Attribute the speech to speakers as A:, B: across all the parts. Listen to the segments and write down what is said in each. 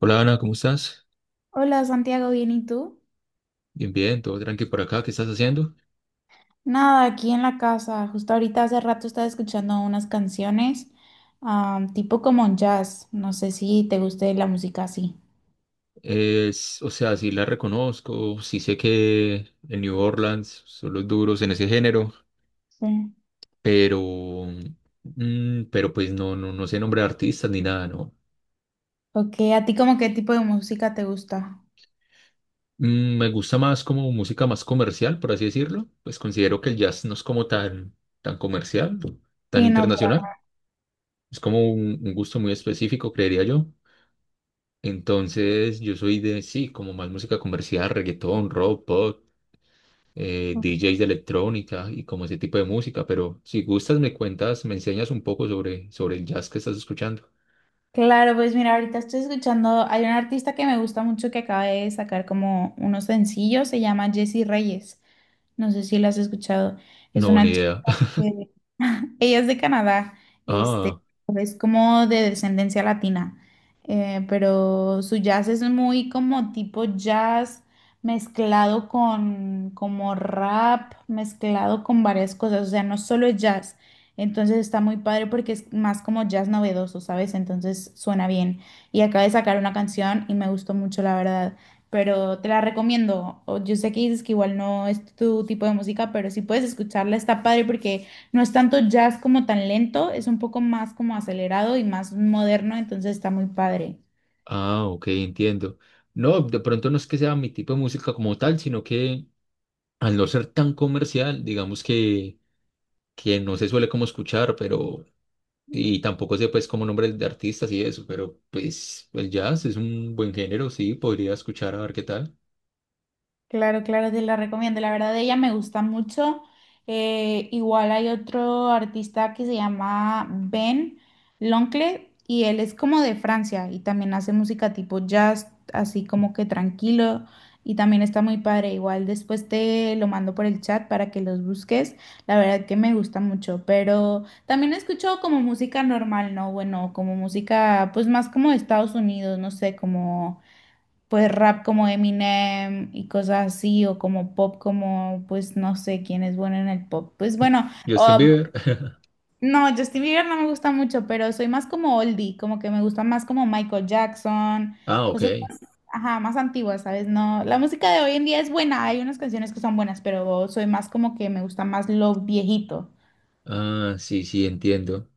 A: Hola Ana, ¿cómo estás?
B: Hola Santiago, ¿bien y tú?
A: Bien, bien, todo tranqui por acá, ¿qué estás haciendo?
B: Nada, aquí en la casa. Justo ahorita hace rato estaba escuchando unas canciones, tipo como jazz. No sé si te guste la música así.
A: Es, o sea, sí la reconozco, sí sé que en New Orleans son los duros en ese género,
B: Sí.
A: pero, pero pues no, no sé nombre de artistas ni nada, ¿no?
B: Ok, ¿a ti como qué tipo de música te gusta?
A: Me gusta más como música más comercial, por así decirlo, pues considero que el jazz no es como tan, tan comercial, tan
B: Sí, no, para
A: internacional, es como un gusto muy específico, creería yo. Entonces, yo soy de, sí, como más música comercial, reggaetón, rock, pop,
B: mí.
A: DJs de electrónica y como ese tipo de música, pero si gustas me cuentas, me enseñas un poco sobre, sobre el jazz que estás escuchando.
B: Claro, pues mira, ahorita estoy escuchando, hay un artista que me gusta mucho que acaba de sacar como unos sencillos, se llama Jessie Reyes. No sé si lo has escuchado. Es
A: No, ni
B: una
A: idea.
B: Eh, Ella es de Canadá, este,
A: Ah,
B: es como de descendencia latina, pero su jazz es muy como tipo jazz mezclado con como rap, mezclado con varias cosas, o sea, no solo es jazz, entonces está muy padre porque es más como jazz novedoso, ¿sabes? Entonces suena bien. Y acaba de sacar una canción y me gustó mucho, la verdad, pero te la recomiendo. O- Yo sé que dices que igual no es tu tipo de música, pero si puedes escucharla está padre porque... No es tanto jazz como tan lento, es un poco más como acelerado y más moderno, entonces está muy padre.
A: ah, ok, entiendo. No, de pronto no es que sea mi tipo de música como tal, sino que al no ser tan comercial, digamos que no se suele como escuchar, pero, y tampoco sé pues como nombres de artistas y eso, pero pues el jazz es un buen género, sí, podría escuchar a ver qué tal.
B: Claro, claro, te la recomiendo. La verdad, ella me gusta mucho. Igual hay otro artista que se llama Ben Loncle y él es como de Francia y también hace música tipo jazz, así como que tranquilo y también está muy padre. Igual después te lo mando por el chat para que los busques. La verdad que me gusta mucho, pero también escucho como música normal, ¿no? Bueno, como música pues más como de Estados Unidos, no sé, como pues rap como Eminem y cosas así, o como pop como, pues no sé quién es bueno en el pop. Pues bueno,
A: Justin
B: o-
A: Bieber.
B: no, Justin Bieber no me gusta mucho, pero soy más como oldie, como que me gusta más como Michael Jackson,
A: Ah, ok.
B: cosas, ajá, más antiguas, ¿sabes? No, la música de hoy en día es buena, hay unas canciones que son buenas, pero soy más como que me gusta más lo viejito.
A: Ah, sí, sí, entiendo.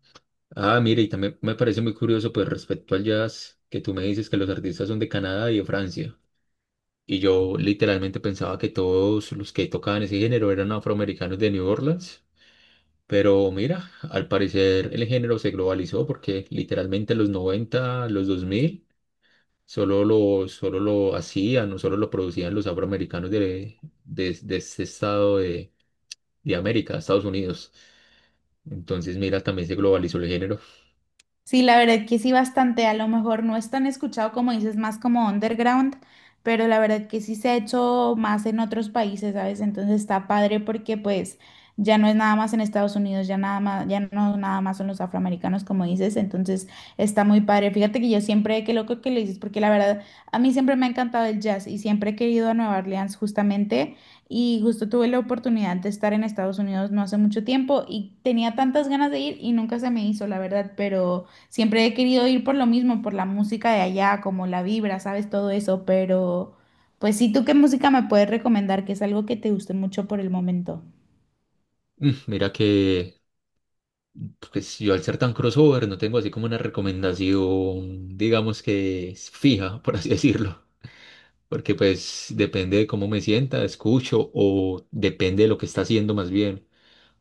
A: Ah, mire, y también me parece muy curioso, pues respecto al jazz, que tú me dices que los artistas son de Canadá y de Francia. Y yo literalmente pensaba que todos los que tocaban ese género eran afroamericanos de New Orleans. Pero mira, al parecer el género se globalizó porque literalmente en los 90, los 2000, solo lo hacían o solo lo producían los afroamericanos de este estado de América, Estados Unidos. Entonces, mira, también se globalizó el género.
B: Sí, la verdad que sí, bastante. A lo mejor no es tan escuchado como dices, más como underground, pero la verdad que sí se ha hecho más en otros países, ¿sabes? Entonces está padre porque pues ya no es nada más en Estados Unidos, ya nada más, ya no nada más son los afroamericanos como dices, entonces está muy padre. Fíjate que yo siempre, qué loco que lo dices, porque la verdad a mí siempre me ha encantado el jazz y siempre he querido a Nueva Orleans justamente. Y justo tuve la oportunidad de estar en Estados Unidos no hace mucho tiempo y tenía tantas ganas de ir y nunca se me hizo, la verdad, pero siempre he querido ir por lo mismo, por la música de allá, como la vibra, sabes, todo eso, pero pues sí, ¿tú qué música me puedes recomendar? Que es algo que te guste mucho por el momento.
A: Mira que, pues yo al ser tan crossover no tengo así como una recomendación, digamos que es fija, por así decirlo, porque pues depende de cómo me sienta, escucho o depende de lo que está haciendo más bien.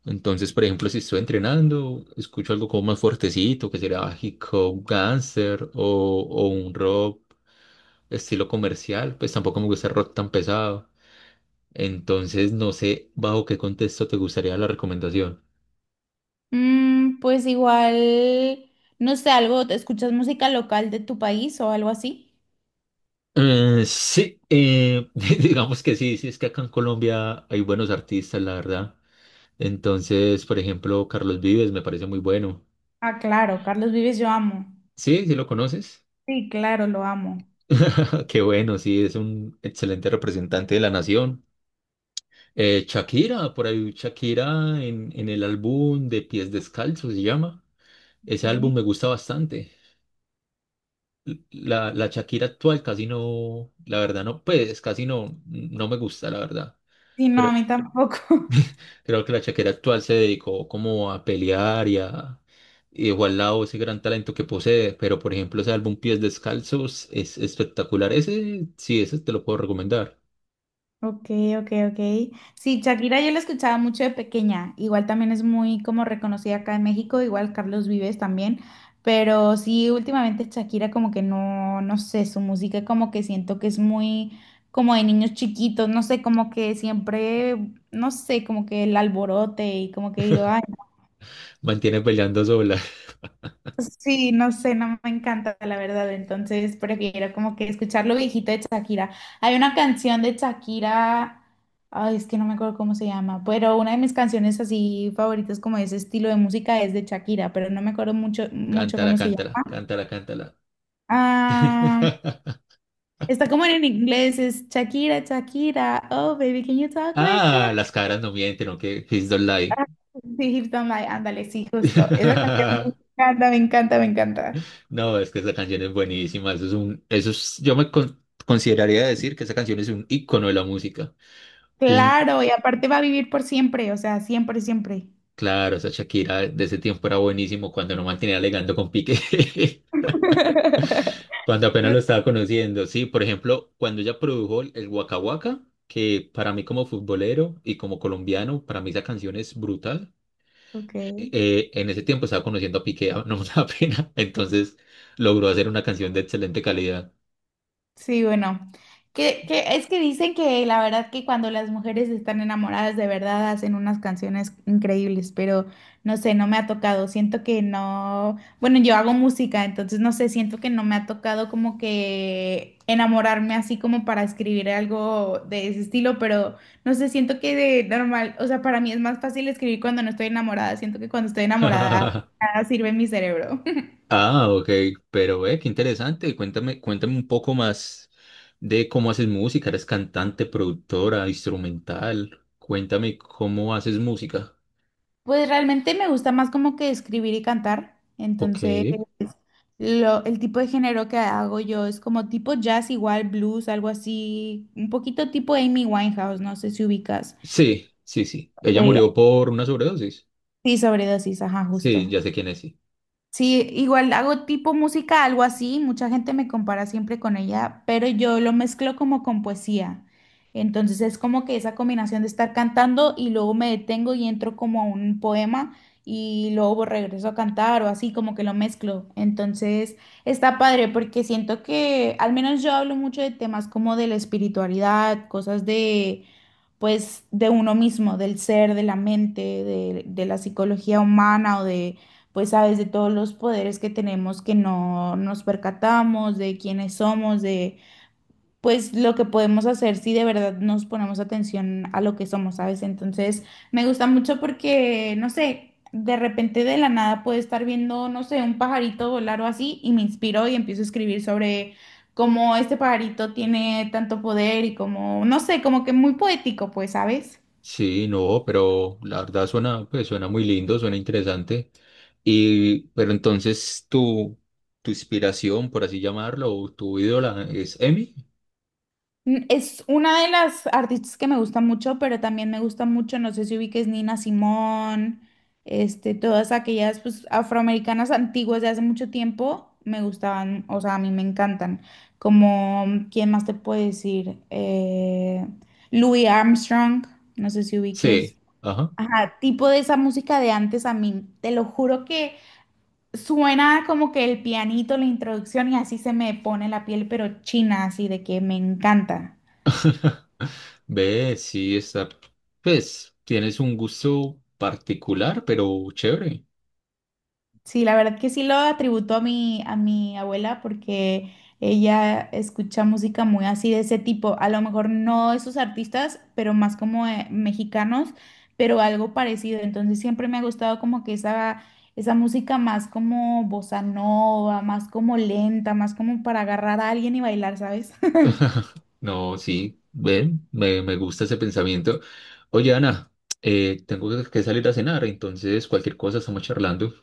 A: Entonces, por ejemplo, si estoy entrenando, escucho algo como más fuertecito, que será hip hop, gangster o un rock estilo comercial, pues tampoco me gusta el rock tan pesado. Entonces, no sé bajo qué contexto te gustaría la recomendación.
B: Pues igual, no sé, algo, ¿te ¿escuchas música local de tu país o algo así?
A: Sí, digamos que sí, sí, es que acá en Colombia hay buenos artistas, la verdad. Entonces, por ejemplo, Carlos Vives me parece muy bueno.
B: Ah, claro, Carlos Vives yo amo.
A: Sí, sí lo conoces.
B: Sí, claro, lo amo.
A: Qué bueno, sí, es un excelente representante de la nación. Shakira, por ahí Shakira en el álbum de Pies Descalzos se llama. Ese álbum
B: Ok.
A: me gusta bastante. La Shakira actual casi no, la verdad no, pues casi no, no me gusta, la verdad.
B: Sí, no, a
A: Pero,
B: mí tampoco.
A: creo que la Shakira actual se dedicó como a pelear y a y dejó al lado ese gran talento que posee, pero por ejemplo ese álbum Pies Descalzos es espectacular. Ese sí, ese te lo puedo recomendar.
B: Ok, ok, ok. Sí, Shakira yo la escuchaba mucho de pequeña. Igual también es muy como reconocida acá en México, igual Carlos Vives también. Pero sí, últimamente Shakira como que no, no sé, su música como que siento que es muy como de niños chiquitos, no sé, como que siempre, no sé, como que el alborote y como que digo, ay.
A: Mantiene peleando sola.
B: Sí, no sé, no me encanta la verdad, entonces prefiero como que escuchar lo viejito de Shakira. Hay una canción de Shakira, ay, es que no me acuerdo cómo se llama, pero una de mis canciones así favoritas como de ese estilo de música es de Shakira, pero no me acuerdo mucho, mucho
A: Cántala,
B: cómo se
A: cántala,
B: llama.
A: cántala, cántala.
B: Ah, está como en inglés, es Shakira, Shakira, oh baby, can you talk like that?
A: Ah, las caras no mienten, aunque Please don't lie.
B: Ah, Sí, Hips Don't Lie, ándale, sí, justo. Esa canción me encanta, me encanta, me encanta.
A: No, es que esa canción es buenísima. Eso es- consideraría decir que esa canción es un icono de la música.
B: Claro, y aparte va a vivir por siempre, o sea, siempre, siempre.
A: Claro, esa Shakira de ese tiempo era buenísimo cuando no mantenía legando con Piqué, cuando apenas lo estaba conociendo. Sí, por ejemplo, cuando ella produjo el Waka Waka, que para mí como futbolero y como colombiano, para mí esa canción es brutal.
B: Ok.
A: En ese tiempo estaba conociendo a Piqué, no me da pena, entonces logró hacer una canción de excelente calidad.
B: Sí, bueno, que es que dicen que la verdad que cuando las mujeres están enamoradas de verdad hacen unas canciones increíbles, pero no sé, no me ha tocado, siento que no, bueno, yo hago música, entonces no sé, siento que no me ha tocado como que enamorarme así como para escribir algo de ese estilo, pero no sé, siento que de normal, o sea, para mí es más fácil escribir cuando no estoy enamorada, siento que cuando estoy enamorada nada sirve en mi cerebro.
A: Ah, ok, pero ve, qué interesante. Cuéntame, cuéntame un poco más de cómo haces música. ¿Eres cantante, productora, instrumental? Cuéntame cómo haces música.
B: Pues realmente me gusta más como que escribir y cantar,
A: Ok.
B: entonces... el tipo de género que hago yo es como tipo jazz, igual blues, algo así, un poquito tipo Amy Winehouse, no sé si ubicas.
A: Sí, sí, sí. Ella
B: De-
A: murió por una sobredosis.
B: sí, sobredosis, ajá, justo.
A: Sí, ya sé quién es, sí.
B: Sí, igual hago tipo música, algo así, mucha gente me compara siempre con ella, pero yo lo mezclo como con poesía. Entonces es como que esa combinación de estar cantando y luego me detengo y entro como a un poema y luego regreso a cantar o así, como que lo mezclo. Entonces está padre porque siento que al menos yo hablo mucho de temas como de la espiritualidad, cosas de pues de uno mismo, del ser, de la mente, de la psicología humana o de pues sabes de todos los poderes que tenemos que no nos percatamos, de quiénes somos, de pues lo que podemos hacer si de verdad nos ponemos atención a lo que somos, ¿sabes? Entonces me gusta mucho porque, no sé, de repente de la nada puedo estar viendo, no sé, un pajarito volar o así y me inspiro y empiezo a escribir sobre cómo este pajarito tiene tanto poder y como, no sé, como que muy poético, pues, ¿sabes?
A: Sí, no, pero la verdad suena, pues suena muy lindo, suena interesante. Y, pero entonces tu inspiración, por así llamarlo, o tu ídola es Emi.
B: Mm, es una de las artistas que me gusta mucho, pero también me gusta mucho, no sé si ubiques Nina Simón, todas aquellas pues, afroamericanas antiguas de hace mucho tiempo, me gustaban, o sea, a mí me encantan. Como, ¿quién más te puede decir? Louis Armstrong, no sé si ubiques.
A: Sí, ajá.
B: Ajá, tipo de esa música de antes a mí, te lo juro que suena como que el pianito, la introducción y así se me pone la piel, pero china, así de que me encanta.
A: Ve, sí, está. Pues tienes un gusto particular, pero chévere.
B: Sí, la verdad que sí lo atributo a mi abuela porque ella escucha música muy así de ese tipo. A lo mejor no esos artistas, pero más como mexicanos, pero algo parecido. Entonces siempre me ha gustado como que esa música más como bossa nova, más como lenta, más como para agarrar a alguien y bailar, ¿sabes?
A: No, sí, ven, me gusta ese pensamiento. Oye, Ana, tengo que salir a cenar, entonces cualquier cosa estamos charlando.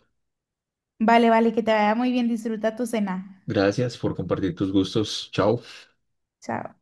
B: Vale, vale, que te vaya muy bien. Disfruta tu cena.
A: Gracias por compartir tus gustos. Chao.
B: Chao.